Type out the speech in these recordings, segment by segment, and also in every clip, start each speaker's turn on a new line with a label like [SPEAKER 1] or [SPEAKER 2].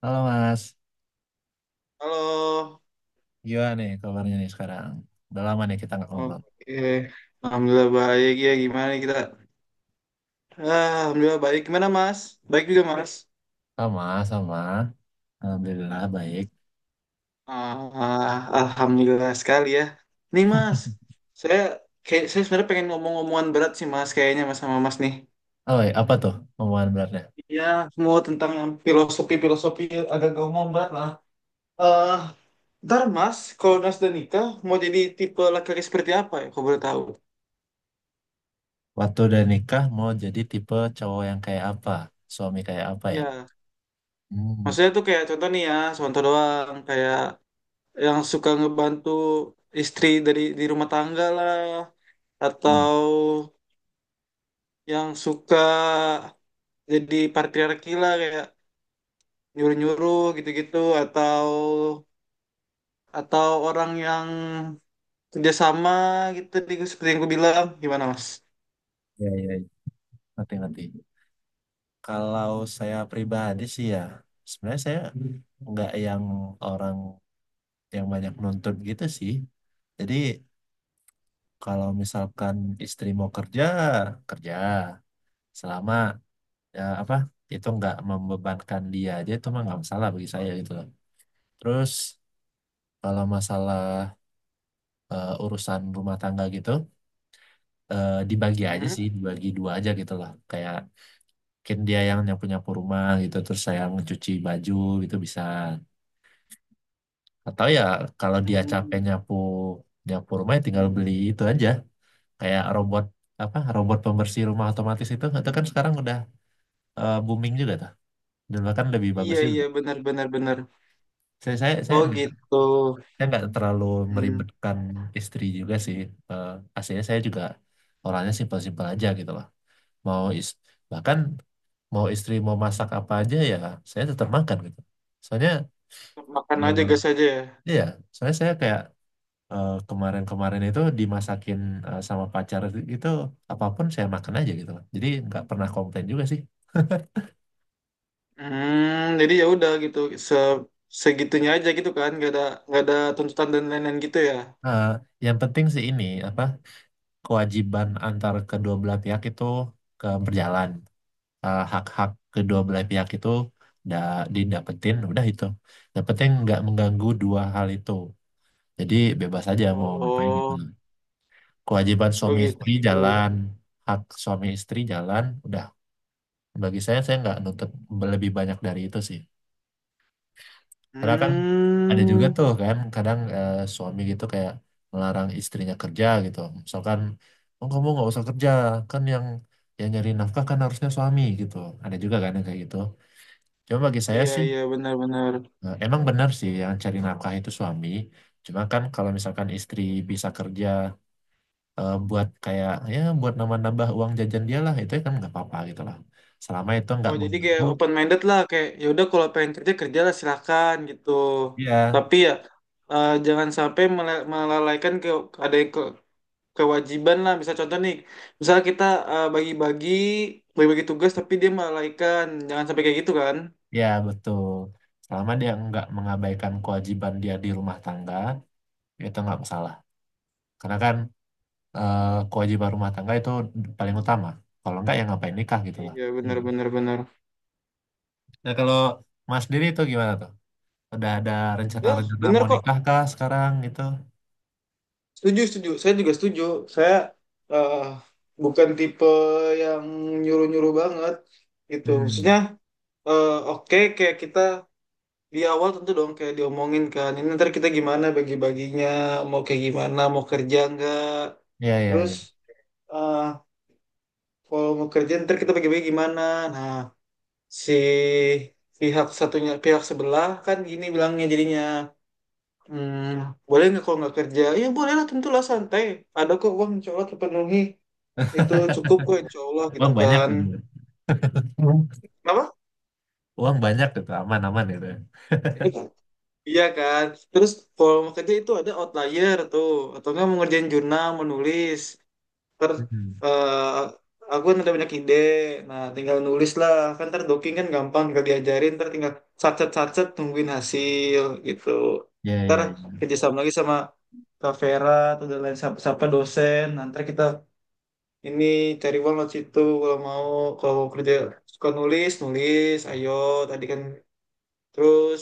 [SPEAKER 1] Halo Mas,
[SPEAKER 2] Halo,
[SPEAKER 1] gimana nih kabarnya nih sekarang? Udah lama nih kita nggak ngobrol.
[SPEAKER 2] oke. Alhamdulillah baik ya. Gimana nih kita? Alhamdulillah baik. Gimana Mas? Baik juga Mas.
[SPEAKER 1] Sama, sama. Alhamdulillah baik.
[SPEAKER 2] Ah, Alhamdulillah sekali ya. Nih Mas, saya saya sebenarnya pengen ngomong-ngomongan berat sih Mas. Kayaknya Mas sama Mas nih.
[SPEAKER 1] Oh, iya, apa tuh omongan beratnya?
[SPEAKER 2] Iya, semua tentang yang filosofi-filosofi agak ngomong berat lah. Eh, ntar Mas, kalau Nas dan nikah mau jadi tipe laki-laki seperti apa ya? Kau boleh tahu?
[SPEAKER 1] Waktu udah nikah mau jadi tipe cowok yang kayak apa? Suami kayak apa ya?
[SPEAKER 2] Iya.
[SPEAKER 1] Hmm,
[SPEAKER 2] Maksudnya tuh kayak contoh nih ya, contoh doang kayak yang suka ngebantu istri dari di rumah tangga lah
[SPEAKER 1] hmm.
[SPEAKER 2] atau yang suka jadi patriarki lah kayak nyuruh-nyuruh gitu-gitu atau atau orang yang kerjasama gitu di- seperti yang gue bilang gimana mas?
[SPEAKER 1] Ya, ya, ya. Nanti, nanti. Kalau saya pribadi sih ya, sebenarnya saya nggak yang orang yang banyak nuntut gitu sih. Jadi kalau misalkan istri mau kerja, kerja. Selama ya apa itu nggak membebankan dia aja itu mah nggak masalah bagi saya gitu loh, terus kalau masalah urusan rumah tangga gitu dibagi aja
[SPEAKER 2] Hmm?
[SPEAKER 1] sih, dibagi dua aja gitu loh. Kayak mungkin dia yang nyapu nyapu rumah gitu, terus saya mencuci baju gitu bisa. Atau ya kalau dia
[SPEAKER 2] Hmm.
[SPEAKER 1] capek nyapu nyapu rumah ya tinggal beli itu aja, kayak robot, apa, robot pembersih rumah otomatis. Itu kan sekarang udah booming juga tuh, dan bahkan lebih bagus
[SPEAKER 2] Iya iya
[SPEAKER 1] juga.
[SPEAKER 2] benar benar benar.
[SPEAKER 1] Saya
[SPEAKER 2] Oh gitu.
[SPEAKER 1] saya nggak terlalu
[SPEAKER 2] Hmm.
[SPEAKER 1] meribetkan istri juga sih. Eh, Aslinya saya juga orangnya simpel-simpel aja gitu lah. Mau is, bahkan mau istri mau masak apa aja ya, saya tetap makan gitu. Soalnya
[SPEAKER 2] Makan aja
[SPEAKER 1] eh,
[SPEAKER 2] gas aja ya.
[SPEAKER 1] iya, soalnya saya kayak kemarin-kemarin itu dimasakin sama pacar gitu, apapun saya makan aja gitu lah. Jadi nggak pernah komplain juga sih.
[SPEAKER 2] Hmm, jadi ya udah gitu, se segitunya aja gitu kan, nggak ada tuntutan dan lain-lain gitu ya.
[SPEAKER 1] Eh, yang penting sih ini, apa, kewajiban antar kedua belah pihak itu ke berjalan. Hak-hak kedua belah pihak itu udah didapetin, udah itu, yang penting nggak mengganggu dua hal itu. Jadi bebas aja mau ngapain gitu
[SPEAKER 2] Oh,
[SPEAKER 1] loh. Kewajiban
[SPEAKER 2] oh
[SPEAKER 1] suami istri
[SPEAKER 2] gitu.
[SPEAKER 1] jalan, hak suami istri jalan, udah, bagi saya nggak nuntut lebih banyak dari itu sih. Karena kan ada juga
[SPEAKER 2] Hmm,
[SPEAKER 1] tuh kan kadang suami gitu kayak melarang istrinya kerja gitu, misalkan, oh kamu nggak usah kerja, kan yang nyari nafkah kan harusnya suami gitu. Ada juga kan yang kayak gitu. Cuma bagi saya
[SPEAKER 2] iya
[SPEAKER 1] sih,
[SPEAKER 2] iya benar-benar.
[SPEAKER 1] nah, emang benar sih yang cari nafkah itu suami. Cuma kan kalau misalkan istri bisa kerja buat kayak ya buat nambah-nambah uang jajan dia lah, itu kan nggak apa-apa gitu lah. Selama itu nggak
[SPEAKER 2] Oh jadi kayak
[SPEAKER 1] mengganggu,
[SPEAKER 2] open minded lah, kayak ya udah kalau pengen kerja kerja lah silakan gitu.
[SPEAKER 1] ya,
[SPEAKER 2] Tapi ya jangan sampai mele- melalaikan ke ada ke, kewajiban lah. Misal contoh nih, misal kita bagi-bagi bagi-bagi tugas tapi dia melalaikan, jangan sampai kayak gitu kan.
[SPEAKER 1] ya betul. Selama dia nggak mengabaikan kewajiban dia di rumah tangga, itu nggak masalah. Karena kan eh, kewajiban rumah tangga itu paling utama. Kalau nggak ya ngapain nikah gitu lah.
[SPEAKER 2] Iya
[SPEAKER 1] Hmm.
[SPEAKER 2] benar-benar benar. Benar, benar.
[SPEAKER 1] Nah kalau Mas sendiri itu gimana tuh? Udah ada
[SPEAKER 2] Ya,
[SPEAKER 1] rencana-rencana
[SPEAKER 2] benar
[SPEAKER 1] mau
[SPEAKER 2] kok.
[SPEAKER 1] nikah kah sekarang gitu?
[SPEAKER 2] Setuju, setuju. Saya juga setuju. Saya eh, bukan tipe yang nyuruh-nyuruh banget gitu.
[SPEAKER 1] Hmm.
[SPEAKER 2] Maksudnya, oke kayak kita di awal tentu dong kayak diomongin kan. Ini ntar kita gimana bagi-baginya, mau kayak gimana, mau kerja nggak.
[SPEAKER 1] Ya, ya,
[SPEAKER 2] Terus
[SPEAKER 1] ya.
[SPEAKER 2] eh, kalau mau kerja ntar kita bagi-bagi gimana. Nah, si pihak satunya, pihak sebelah kan gini bilangnya jadinya. Hmm, boleh nggak kalau nggak kerja? Ya boleh lah tentulah santai. Ada kok uang insya Allah terpenuhi. Itu cukup kok insya Allah gitu
[SPEAKER 1] Uang banyak
[SPEAKER 2] kan.
[SPEAKER 1] gitu. Hmm.
[SPEAKER 2] Kenapa?
[SPEAKER 1] Uang banyak gitu, aman-aman gitu, ya.
[SPEAKER 2] Iya kan. Terus kalau mau kerja itu ada outlier tuh. Atau nggak mau ngerjain jurnal, menulis. Ter,
[SPEAKER 1] Hmm.
[SPEAKER 2] eh, aku kan ada banyak ide. Nah tinggal nulis lah. Kan ntar doking kan gampang. Tinggal diajarin. Ntar tinggal sacet-sacet tungguin hasil gitu.
[SPEAKER 1] Ya,
[SPEAKER 2] Ntar
[SPEAKER 1] ya, ya.
[SPEAKER 2] kerjasama lagi sama Kak Vera atau dan lain siapa, siapa dosen. Nanti kita Ini cari uang banget situ kalau mau kalau kerja suka nulis nulis ayo tadi kan terus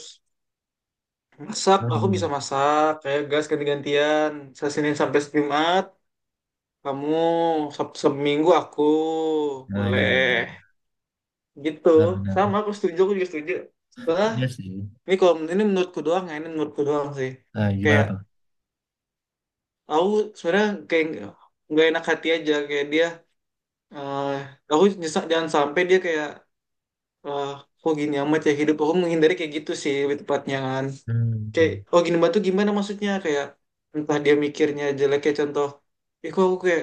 [SPEAKER 2] masak aku
[SPEAKER 1] Hmm.
[SPEAKER 2] bisa masak kayak gas ganti-gantian saya Senin sampai Jumat kamu Sabtu seminggu aku
[SPEAKER 1] Nah, ya,
[SPEAKER 2] boleh
[SPEAKER 1] ya.
[SPEAKER 2] gitu
[SPEAKER 1] Benar,
[SPEAKER 2] sama
[SPEAKER 1] benar.
[SPEAKER 2] aku setuju aku juga setuju setelah
[SPEAKER 1] Iya sih.
[SPEAKER 2] ini kalau ini menurutku doang ya ini menurutku doang sih
[SPEAKER 1] Nah, gimana
[SPEAKER 2] kayak
[SPEAKER 1] tuh?
[SPEAKER 2] aku sebenarnya kayak nggak enak hati aja kayak dia eh aku nyesek jangan sampai dia kayak Wah, kok gini amat ya hidup aku menghindari kayak gitu sih lebih tepatnya kan. Kayak
[SPEAKER 1] Hmm.
[SPEAKER 2] oh gini banget tuh gimana maksudnya kayak entah dia mikirnya jelek kayak contoh, ih kok aku kayak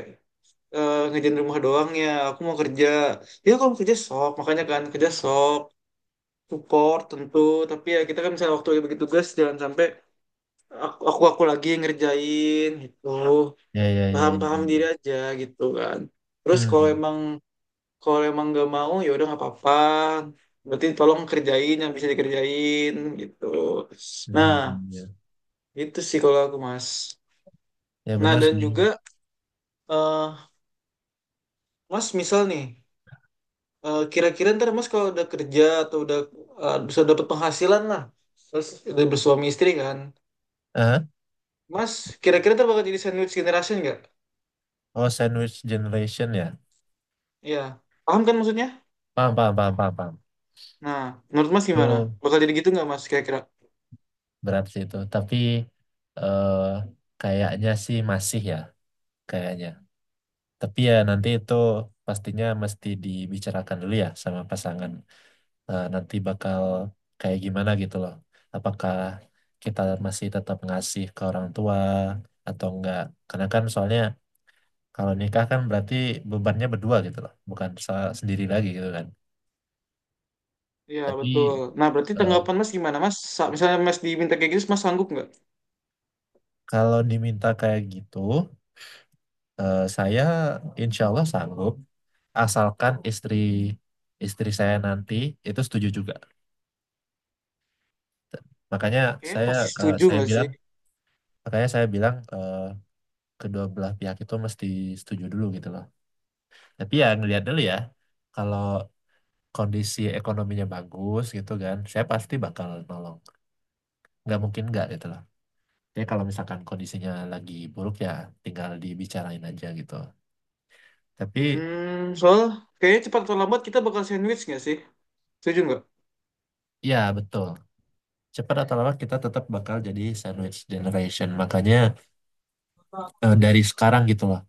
[SPEAKER 2] ngerjain rumah doang ya, aku mau kerja. Ya kalau kerja sok, makanya kan kerja sok, support tentu, tapi ya kita kan misalnya waktu bagi tugas jangan sampai aku lagi yang ngerjain gitu.
[SPEAKER 1] Ya, ya, ya, ya, ya,
[SPEAKER 2] Paham-paham diri
[SPEAKER 1] ya.
[SPEAKER 2] aja gitu kan. Terus
[SPEAKER 1] Hmm.
[SPEAKER 2] kalau emang nggak mau ya udah nggak apa-apa berarti tolong kerjain yang bisa dikerjain gitu nah
[SPEAKER 1] Hmm. Ya,
[SPEAKER 2] itu sih kalau aku mas
[SPEAKER 1] ya
[SPEAKER 2] nah
[SPEAKER 1] benar
[SPEAKER 2] dan
[SPEAKER 1] sih.
[SPEAKER 2] juga eh, mas misal nih kira-kira ntar mas kalau udah kerja atau udah bisa dapat penghasilan lah terus udah bersuami istri kan
[SPEAKER 1] Eh?
[SPEAKER 2] mas kira-kira ntar bakal jadi sandwich generation nggak
[SPEAKER 1] Oh, sandwich generation ya.
[SPEAKER 2] Iya paham kan maksudnya
[SPEAKER 1] Paham, paham, paham, paham, paham.
[SPEAKER 2] nah menurut mas gimana
[SPEAKER 1] Itu
[SPEAKER 2] bakal jadi gitu nggak mas kira-kira
[SPEAKER 1] berat sih itu. Tapi eh kayaknya sih masih ya. Kayaknya. Tapi ya nanti itu pastinya mesti dibicarakan dulu ya sama pasangan. Eh, nanti bakal kayak gimana gitu loh. Apakah kita masih tetap ngasih ke orang tua atau enggak? Karena kan soalnya kalau nikah kan berarti bebannya berdua gitu loh, bukan se- sendiri lagi gitu kan.
[SPEAKER 2] Iya betul.
[SPEAKER 1] Tapi
[SPEAKER 2] Nah berarti
[SPEAKER 1] eh,
[SPEAKER 2] tanggapan Mas gimana Mas? Sa- Misalnya Mas diminta kayak gitu, Mas sanggup nggak?
[SPEAKER 1] kalau diminta kayak gitu, saya insya Allah sanggup, asalkan istri, saya nanti itu setuju juga. Makanya
[SPEAKER 2] Kayaknya
[SPEAKER 1] saya
[SPEAKER 2] pasti
[SPEAKER 1] eh,
[SPEAKER 2] setuju
[SPEAKER 1] saya
[SPEAKER 2] nggak sih?
[SPEAKER 1] bilang makanya saya bilang kedua belah pihak itu mesti setuju dulu gitu loh. Tapi ya ngelihat dulu ya, kalau kondisi ekonominya bagus gitu kan, saya pasti bakal nolong. Nggak mungkin nggak gitu loh. Jadi kalau misalkan kondisinya lagi buruk ya tinggal dibicarain aja gitu. Tapi
[SPEAKER 2] Hmm, soal kayaknya cepat atau lambat kita bakal sandwich nggak sih? Setuju nggak?
[SPEAKER 1] ya betul, cepat atau lambat kita tetap bakal jadi sandwich generation. Makanya dari sekarang gitu loh.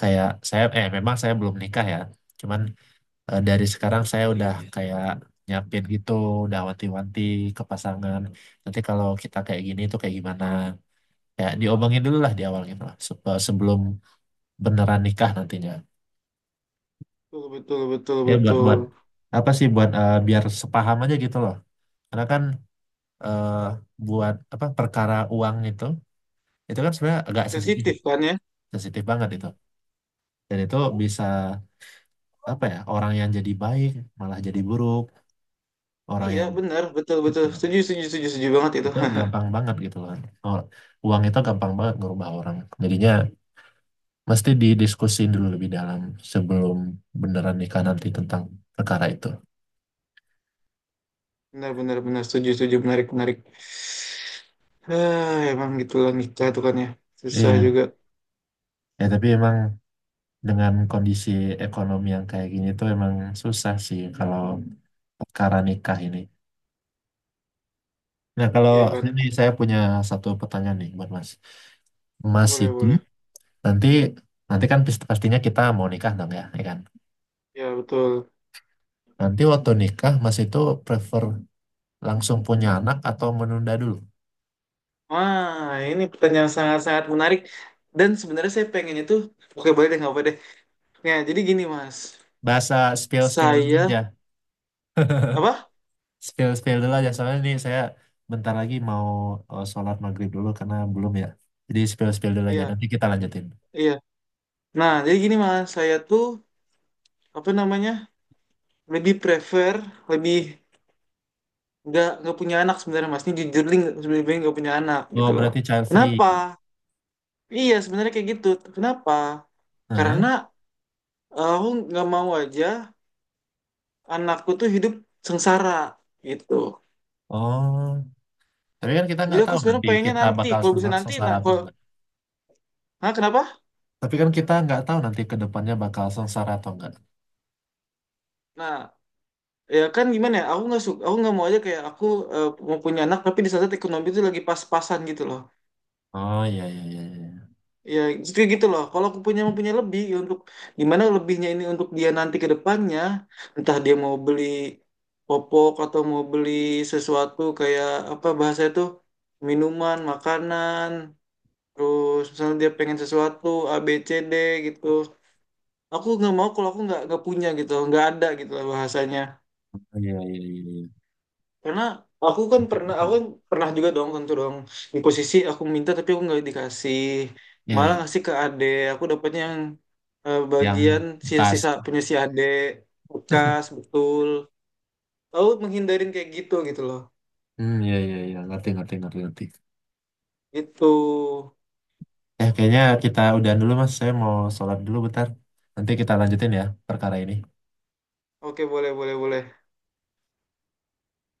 [SPEAKER 1] Kayak saya, eh memang saya belum nikah ya. Cuman, dari sekarang saya udah kayak nyiapin gitu, udah wanti-wanti ke pasangan. Nanti kalau kita kayak gini tuh kayak gimana? Kayak diomongin dulu lah di awal gitu lah, sep- sebelum beneran nikah nantinya.
[SPEAKER 2] Betul, betul, betul,
[SPEAKER 1] Ya buat
[SPEAKER 2] betul.
[SPEAKER 1] buat apa sih, buat biar sepaham aja gitu loh. Karena kan eh, buat apa, perkara uang itu kan sebenarnya agak sensitif,
[SPEAKER 2] Sensitif kan ya?
[SPEAKER 1] sensitif banget itu. Dan itu bisa, apa ya, orang yang jadi baik malah jadi buruk, orang
[SPEAKER 2] Iya,
[SPEAKER 1] yang,
[SPEAKER 2] benar, betul, betul. Setuju, setuju, setuju, setuju banget itu.
[SPEAKER 1] itu gampang banget gitu kan. Oh, uang itu gampang banget ngerubah orang. Jadinya mesti didiskusin dulu lebih dalam sebelum beneran nikah nanti tentang perkara itu.
[SPEAKER 2] Benar, benar, benar. Setuju, setuju. Menarik, menarik. Emang gitulah nikah tuh kan ya. Susah
[SPEAKER 1] Iya.
[SPEAKER 2] juga.
[SPEAKER 1] Ya tapi emang dengan kondisi ekonomi yang kayak gini tuh emang susah sih kalau perkara nikah ini. Nah kalau
[SPEAKER 2] Iya kan?
[SPEAKER 1] ini saya punya satu pertanyaan nih buat Mas. Mas
[SPEAKER 2] Boleh,
[SPEAKER 1] itu
[SPEAKER 2] boleh.
[SPEAKER 1] nanti, nanti kan pis- pastinya kita mau nikah dong ya, ya kan?
[SPEAKER 2] Ya, betul.
[SPEAKER 1] Nanti waktu nikah Mas itu prefer langsung punya anak atau menunda dulu?
[SPEAKER 2] Wah, ini pertanyaan sangat-sangat menarik. Dan sebenarnya saya pengen itu, oke boleh deh, nggak apa deh. Nah, jadi gini mas.
[SPEAKER 1] Bahasa, spill spill dulu
[SPEAKER 2] Saya
[SPEAKER 1] aja,
[SPEAKER 2] Apa?
[SPEAKER 1] spill spill dulu aja. Soalnya ini saya bentar lagi mau sholat maghrib dulu karena belum ya. Jadi spill spill dulu aja.
[SPEAKER 2] Iya,
[SPEAKER 1] Nanti kita lanjutin.
[SPEAKER 2] iya. Nah, jadi gini Mas, saya tuh apa namanya? Lebih prefer, lebih nggak punya anak sebenarnya Mas. Ini jujur li nggak- sebenarnya lebih nggak punya anak
[SPEAKER 1] Oh
[SPEAKER 2] gitu loh.
[SPEAKER 1] berarti child free.
[SPEAKER 2] Kenapa? Iya, sebenarnya kayak gitu. Kenapa?
[SPEAKER 1] Hah?
[SPEAKER 2] Karena aku nggak mau aja anakku tuh hidup sengsara gitu.
[SPEAKER 1] Oh, tapi kan kita
[SPEAKER 2] Jadi
[SPEAKER 1] nggak
[SPEAKER 2] aku
[SPEAKER 1] tahu
[SPEAKER 2] sebenarnya
[SPEAKER 1] nanti
[SPEAKER 2] pengennya
[SPEAKER 1] kita
[SPEAKER 2] nanti,
[SPEAKER 1] bakal
[SPEAKER 2] kalau bisa
[SPEAKER 1] sesa-
[SPEAKER 2] nanti,
[SPEAKER 1] sengsara
[SPEAKER 2] nah
[SPEAKER 1] atau
[SPEAKER 2] kalau
[SPEAKER 1] enggak.
[SPEAKER 2] Hah, kenapa?
[SPEAKER 1] Tapi kan kita nggak tahu nanti ke depannya bakal sengsara atau enggak.
[SPEAKER 2] Nah, ya kan gimana ya? Aku nggak suka, aku nggak mau aja kayak aku mau punya anak tapi di saat ekonomi itu lagi pas-pasan gitu loh.
[SPEAKER 1] Oh iya iya iya iya.
[SPEAKER 2] Ya justru gitu loh kalau aku punya mempunyai lebih ya untuk gimana lebihnya ini untuk dia nanti ke depannya entah dia mau beli popok atau mau beli sesuatu kayak apa bahasa itu minuman makanan terus misalnya dia pengen sesuatu A B C D gitu aku nggak mau kalau aku nggak punya gitu nggak ada gitu lah bahasanya
[SPEAKER 1] Oh, iya iya iya iya.
[SPEAKER 2] Karena
[SPEAKER 1] Ngerti, ngerti.
[SPEAKER 2] aku kan pernah juga dong tentu dong di posisi aku minta tapi aku nggak dikasih,
[SPEAKER 1] Iya,
[SPEAKER 2] malah
[SPEAKER 1] iya.
[SPEAKER 2] ngasih ke ade. Aku dapatnya yang
[SPEAKER 1] Yang
[SPEAKER 2] bagian
[SPEAKER 1] pas.
[SPEAKER 2] sisa-sisa punya si ade bekas betul. Aku menghindarin kayak gitu gitu loh.
[SPEAKER 1] Hmm, iya, iya, iya. Ngerti, ngerti, ngerti, ngerti.
[SPEAKER 2] Itu.
[SPEAKER 1] Ya, kayaknya kita udahan dulu Mas. Saya mau sholat dulu bentar. Nanti kita lanjutin ya perkara ini.
[SPEAKER 2] Oke boleh boleh boleh.